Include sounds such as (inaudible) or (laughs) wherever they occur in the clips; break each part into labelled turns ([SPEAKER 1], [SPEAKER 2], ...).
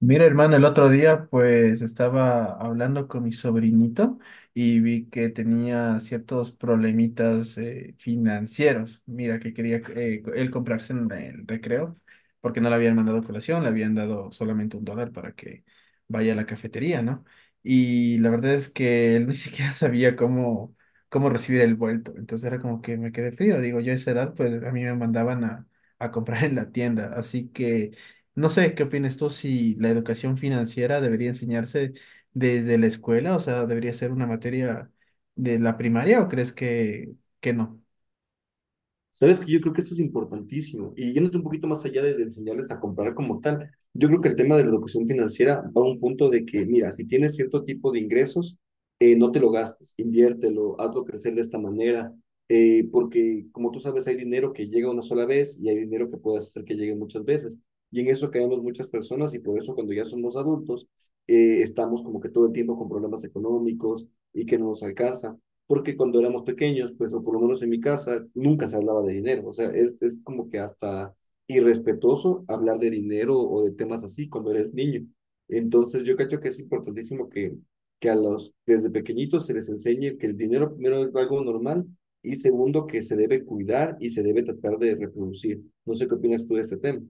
[SPEAKER 1] Mira, hermano, el otro día pues estaba hablando con mi sobrinito y vi que tenía ciertos problemitas financieros. Mira, que quería él comprarse en el recreo porque no le habían mandado colación, le habían dado solamente $1 para que vaya a la cafetería, ¿no? Y la verdad es que él ni (laughs) siquiera sabía cómo recibir el vuelto. Entonces era como que me quedé frío. Digo, yo a esa edad pues a mí me mandaban a comprar en la tienda. Así que. No sé, ¿qué opinas tú si la educación financiera debería enseñarse desde la escuela? O sea, ¿debería ser una materia de la primaria o crees que no?
[SPEAKER 2] Sabes que yo creo que esto es importantísimo. Y yéndote un poquito más allá de enseñarles a comprar como tal, yo creo que el tema de la educación financiera va a un punto de que, mira, si tienes cierto tipo de ingresos, no te lo gastes, inviértelo, hazlo crecer de esta manera, porque como tú sabes, hay dinero que llega una sola vez y hay dinero que puedes hacer que llegue muchas veces. Y en eso caemos muchas personas y por eso cuando ya somos adultos, estamos como que todo el tiempo con problemas económicos y que no nos alcanza porque cuando éramos pequeños, pues, o por lo menos en mi casa, nunca se hablaba de dinero. O sea, es como que hasta irrespetuoso hablar de dinero o de temas así cuando eres niño. Entonces, yo creo que es importantísimo que a los, desde pequeñitos se les enseñe que el dinero primero es algo normal y segundo que se debe cuidar y se debe tratar de reproducir. No sé qué opinas tú de este tema.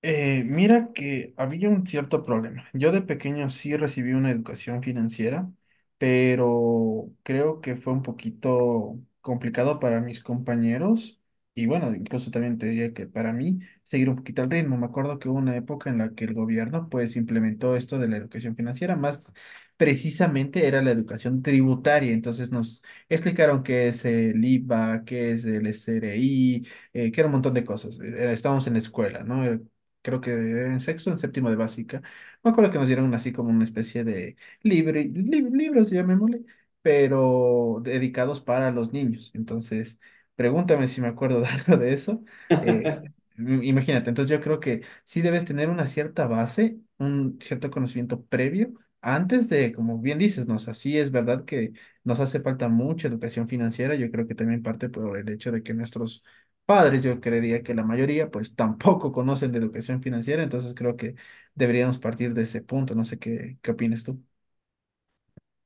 [SPEAKER 1] Mira que había un cierto problema. Yo de pequeño sí recibí una educación financiera, pero creo que fue un poquito complicado para mis compañeros y bueno, incluso también te diría que para mí seguir un poquito el ritmo. Me acuerdo que hubo una época en la que el gobierno pues implementó esto de la educación financiera, más precisamente era la educación tributaria. Entonces nos explicaron qué es el IVA, qué es el SRI que era un montón de cosas. Estábamos en la escuela, ¿no? Creo que en sexto, en séptimo de básica. Me acuerdo que nos dieron así como una especie de libros, llamémosle, pero dedicados para los niños. Entonces, pregúntame si me acuerdo de (laughs) algo de eso. Eh, imagínate, entonces yo creo que sí debes tener una cierta base, un cierto conocimiento previo. Antes de, como bien dices, nos así es verdad que nos hace falta mucha educación financiera. Yo creo que también parte por el hecho de que nuestros padres, yo creería que la mayoría pues tampoco conocen de educación financiera, entonces creo que deberíamos partir de ese punto, no sé qué opinas tú.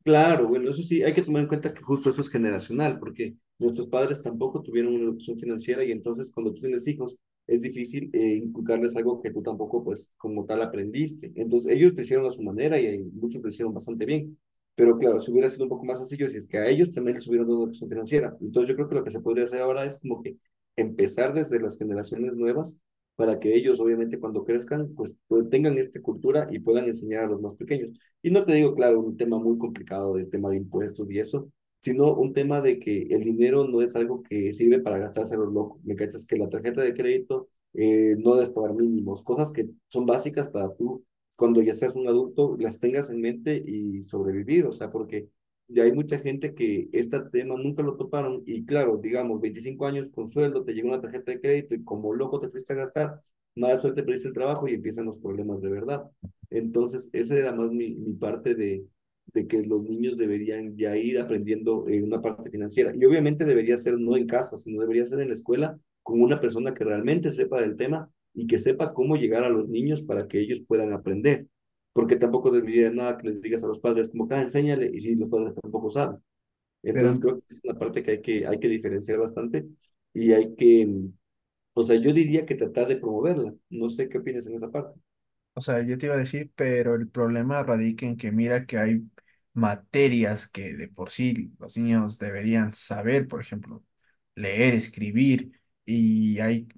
[SPEAKER 2] Claro, bueno, eso sí, hay que tomar en cuenta que justo eso es generacional, porque nuestros padres tampoco tuvieron una educación financiera y entonces cuando tú tienes hijos es difícil inculcarles algo que tú tampoco pues como tal aprendiste. Entonces ellos lo hicieron a su manera y muchos lo hicieron bastante bien, pero claro, si hubiera sido un poco más sencillo si es que a ellos también les hubieran dado una educación financiera. Entonces yo creo que lo que se podría hacer ahora es como que empezar desde las generaciones nuevas para que ellos obviamente cuando crezcan pues, tengan esta cultura y puedan enseñar a los más pequeños. Y no te digo, claro, un tema muy complicado del tema de impuestos y eso, sino un tema de que el dinero no es algo que sirve para gastarse a los locos. Me cachas que la tarjeta de crédito no debes pagar mínimos, cosas que son básicas para tú, cuando ya seas un adulto, las tengas en mente y sobrevivir. O sea, porque ya hay mucha gente que este tema nunca lo toparon y claro, digamos, 25 años con sueldo, te llega una tarjeta de crédito y como loco te fuiste a gastar, mala suerte perdiste el trabajo y empiezan los problemas de verdad. Entonces, esa era más mi parte de que los niños deberían ya ir aprendiendo una parte financiera. Y obviamente debería ser no en casa, sino debería ser en la escuela con una persona que realmente sepa del tema y que sepa cómo llegar a los niños para que ellos puedan aprender. Porque tampoco debería nada que les digas a los padres como, ah, enséñale, y si los padres tampoco saben. Entonces
[SPEAKER 1] Pero,
[SPEAKER 2] creo que es una parte que hay que diferenciar bastante y o sea, yo diría que tratar de promoverla. No sé qué opinas en esa parte.
[SPEAKER 1] o sea, yo te iba a decir, pero el problema radica en que mira que hay materias que de por sí los niños deberían saber, por ejemplo, leer, escribir, y hay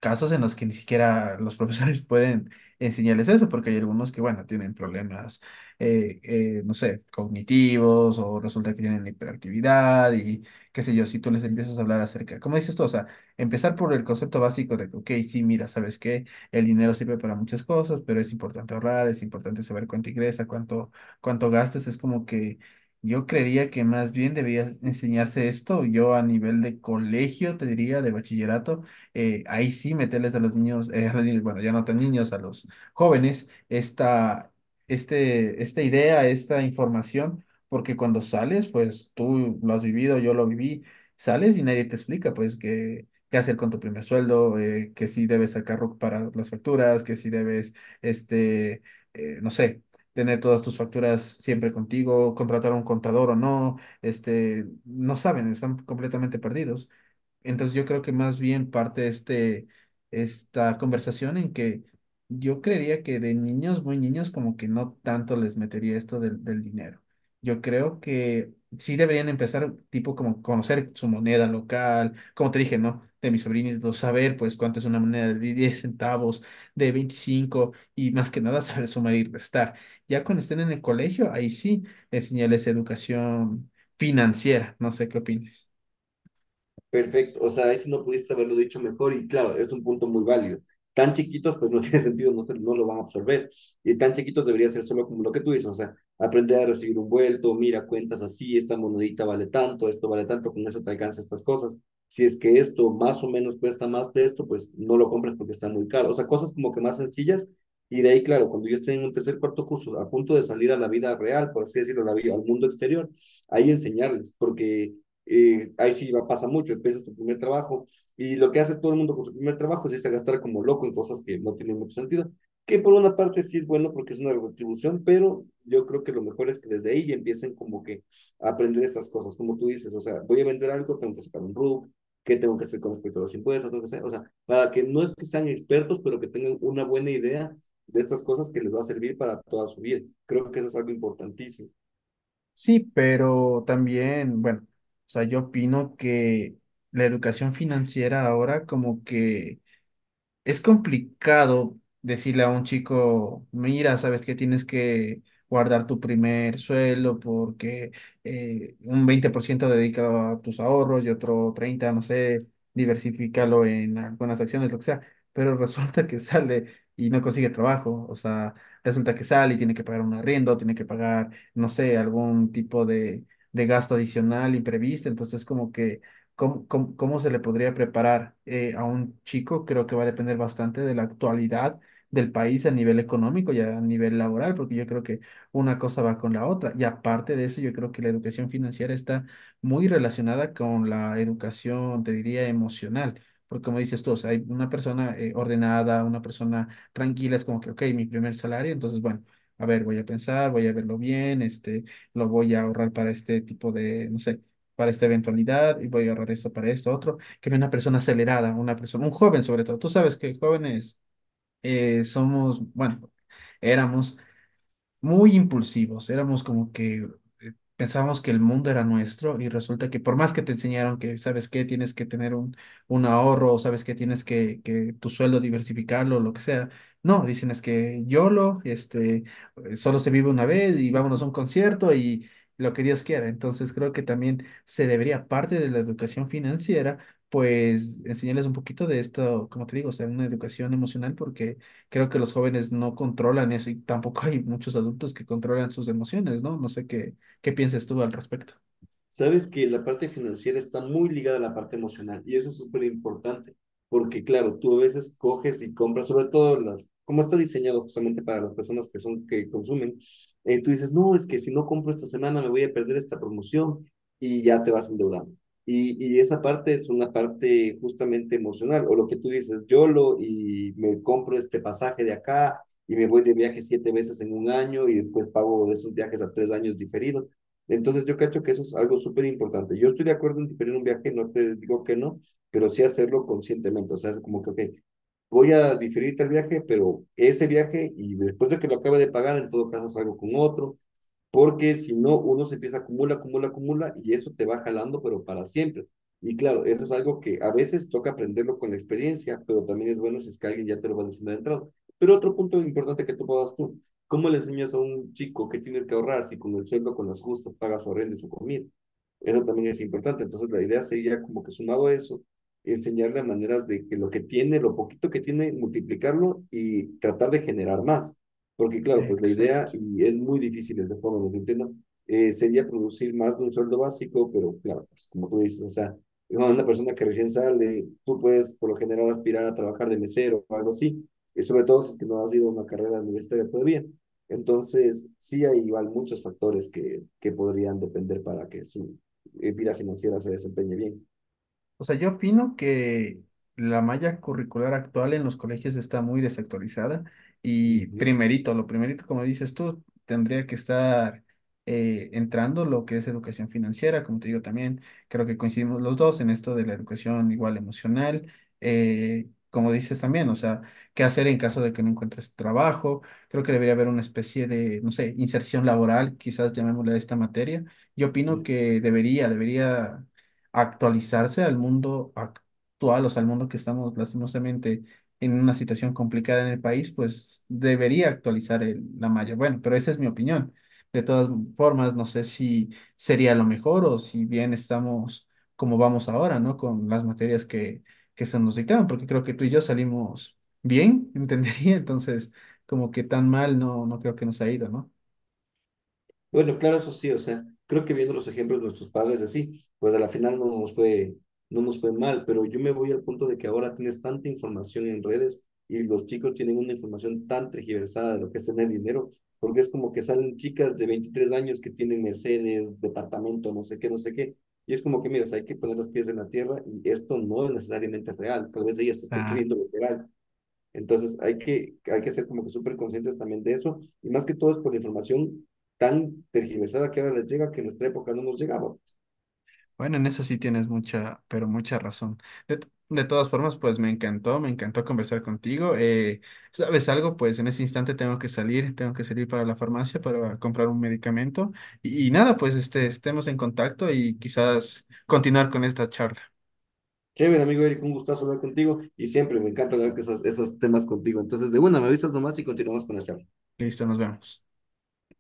[SPEAKER 1] casos en los que ni siquiera los profesores (laughs) pueden enseñarles eso, porque hay algunos que, bueno, tienen problemas, no sé, cognitivos o resulta que tienen hiperactividad y qué sé yo, si tú les empiezas a hablar acerca, como dices tú, o sea, empezar por el concepto básico de, que, ok, sí, mira, sabes que el dinero sirve para muchas cosas, pero es importante ahorrar, es importante saber cuánto ingresa, cuánto gastas, es como que. Yo creería que más bien debías enseñarse esto, yo a nivel de colegio, te diría, de bachillerato, ahí sí meterles a los niños, bueno, ya no tan niños, a los jóvenes, esta idea, esta información, porque cuando sales, pues tú lo has vivido, yo lo viví, sales y nadie te explica, pues, qué hacer con tu primer sueldo, que si debes sacar RUC para las facturas, que si debes, este, no sé. Tener todas tus facturas siempre contigo, contratar a un contador o no, no saben, están completamente perdidos. Entonces yo creo que más bien parte esta conversación en que yo creería que de niños, muy niños, como que no tanto les metería esto del dinero. Yo creo que sí deberían empezar tipo como conocer su moneda local, como te dije, ¿no? De mis sobrinitos, saber pues cuánto es una moneda de 10 centavos, de 25 y más que nada (laughs) saber sumar y restar. Ya cuando estén en el colegio, ahí sí enseñarles educación financiera, no sé qué opinas.
[SPEAKER 2] Perfecto, o sea, eso no pudiste haberlo dicho mejor y claro, es un punto muy válido. Tan chiquitos, pues no (laughs) tiene sentido, no, no lo van a absorber. Y tan chiquitos debería ser solo como lo que tú dices, o sea, aprender a recibir un vuelto, mira, cuentas así, esta monedita vale tanto, esto vale tanto, con eso te alcanza estas cosas. Si es que esto más o menos cuesta más de esto, pues no lo compres porque está muy caro. O sea, cosas como que más sencillas. Y de ahí, claro, cuando yo esté en un tercer, cuarto curso, a punto de salir a la vida real, por así decirlo, la vida, al mundo exterior, ahí enseñarles, porque ahí sí va, pasa mucho, empiezas tu primer trabajo y lo que hace todo el mundo con su primer trabajo es irse a gastar como loco en cosas que no tienen mucho sentido, que por una parte sí es bueno porque es una retribución, pero yo creo que lo mejor es que desde ahí ya empiecen como que a aprender estas cosas, como tú dices, o sea, voy a vender algo, tengo que sacar un RUC, qué tengo que hacer con respecto a los impuestos, tengo que hacer, o sea, para que no es que sean expertos, pero que tengan una buena idea de estas cosas que les va a servir para toda su vida. Creo que eso es algo importantísimo.
[SPEAKER 1] Sí, pero también, bueno, o sea, yo opino que la educación financiera ahora como que es complicado decirle a un chico, mira, sabes que tienes que guardar tu primer sueldo porque un 20% dedícalo a tus ahorros y otro 30, no sé, diversifícalo en algunas acciones, lo que sea, pero (laughs) resulta que sale y no consigue trabajo, o sea, resulta que sale y tiene que pagar un arriendo, tiene que pagar, no sé, algún tipo de gasto adicional imprevisto, entonces como que. ¿Cómo se le podría preparar a un chico? Creo que va a depender bastante de la actualidad del país a nivel económico y a nivel laboral, porque yo creo que una cosa va con la otra. Y aparte de eso, yo creo que la educación financiera está muy relacionada con la educación, te diría, emocional. Porque como dices tú, o sea, hay una persona ordenada, una persona tranquila, es como que, ok, mi primer salario, entonces, bueno, a ver, voy a pensar, voy a verlo bien, lo voy a ahorrar para este tipo de, no sé para esta eventualidad y voy a ahorrar esto para esto, otro, que una persona acelerada, una persona, un joven sobre todo. Tú sabes que jóvenes somos, bueno, éramos muy impulsivos, éramos como que pensábamos que el mundo era nuestro y resulta que por más que te enseñaron que, ¿sabes qué? Tienes que tener un ahorro, o ¿sabes qué? Tienes que tu sueldo diversificarlo, lo que sea. No, dicen es que YOLO, solo se vive una vez y vámonos a un concierto y lo que Dios quiera. Entonces creo que también se debería, parte de la educación financiera, pues enseñarles un poquito de esto, como te digo, o sea, una educación emocional porque creo que los jóvenes no controlan eso y tampoco (laughs) hay muchos adultos que controlan sus emociones, ¿no? No sé qué piensas tú al respecto.
[SPEAKER 2] Sabes que la parte financiera está muy ligada a la parte emocional y eso es súper importante, porque claro, tú a veces coges y compras, sobre todo las, como está diseñado justamente para las personas que son, que consumen, tú dices, no, es que si no compro esta semana me voy a perder esta promoción y ya te vas endeudando. Y esa parte es una parte justamente emocional, o lo que tú dices, YOLO y me compro este pasaje de acá y me voy de viaje 7 veces en un año y después pago esos viajes a 3 años diferidos. Entonces yo cacho que eso es algo súper importante. Yo estoy de acuerdo en diferir un viaje, no te digo que no, pero sí hacerlo conscientemente. O sea, es como que, ok, voy a diferir el viaje, pero ese viaje y después de que lo acabe de pagar, en todo caso salgo con otro porque si no, uno se empieza a acumula, acumula, acumula y eso te va jalando, pero para siempre. Y claro, eso es algo que a veces toca aprenderlo con la experiencia, pero también es bueno si es que alguien ya te lo va diciendo de entrada. Pero otro punto importante que ¿cómo le enseñas a un chico que tiene que ahorrar si con el sueldo, con las justas, paga su arrendo y su comida? Eso también es importante. Entonces, la idea sería como que sumado a eso, enseñarle maneras de que lo que tiene, lo poquito que tiene, multiplicarlo y tratar de generar más. Porque claro, pues la idea,
[SPEAKER 1] Exacto.
[SPEAKER 2] y es muy difícil de esa forma, los entiendo, sería producir más de un sueldo básico, pero claro, pues como tú dices, o sea, bueno, una persona que recién sale, tú puedes por lo general aspirar a trabajar de mesero o algo así, y sobre todo si es que no has ido a una carrera universitaria todavía. Entonces, sí hay igual muchos factores que podrían depender para que su vida financiera se desempeñe bien.
[SPEAKER 1] O sea, yo opino que la malla curricular actual en los colegios está muy desactualizada y primerito, lo primerito, como dices tú, tendría que estar entrando lo que es educación financiera, como te digo también, creo que coincidimos los dos en esto de la educación igual emocional, como dices también, o sea, qué hacer en caso de que no encuentres trabajo, creo que debería haber una especie de, no sé, inserción laboral, quizás llamémosle a esta materia. Yo opino
[SPEAKER 2] Ujú.
[SPEAKER 1] que debería actualizarse al mundo actual, o sea, al mundo que estamos lastimosamente en una situación complicada en el país, pues debería actualizar la malla. Bueno, pero esa es mi opinión. De todas formas, no sé si sería lo mejor o si bien estamos como vamos ahora, ¿no? Con las materias que se nos dictaron, porque creo que tú y yo salimos bien, (laughs) entendería, entonces como que tan mal no, no creo que nos ha ido, ¿no?
[SPEAKER 2] Bueno, claro, eso sí, o sea, creo que viendo los ejemplos de nuestros padres así, pues a la final no nos fue mal, pero yo me voy al punto de que ahora tienes tanta información en redes y los chicos tienen una información tan tergiversada de lo que es tener dinero, porque es como que salen chicas de 23 años que tienen Mercedes, departamento, no sé qué, no sé qué, y es como que, mira, o sea, hay que poner los pies en la tierra y esto no es necesariamente real, tal vez ellas estén creyendo lo real, entonces hay que ser como que súper conscientes también de eso, y más que todo es por la información tan tergiversada que ahora les llega, que en nuestra época no nos llegaba.
[SPEAKER 1] Bueno, en eso sí tienes mucha, pero mucha razón. De todas formas, pues me encantó conversar contigo. ¿Sabes algo? Pues en ese instante tengo que salir para la farmacia para comprar un medicamento. Y nada, pues estemos en contacto y quizás continuar con esta charla.
[SPEAKER 2] Chévere, amigo Eric, un gustazo hablar contigo, y siempre me encanta hablar que esos temas contigo. Entonces, de una, me avisas nomás y continuamos con la charla.
[SPEAKER 1] Listo, nos vemos.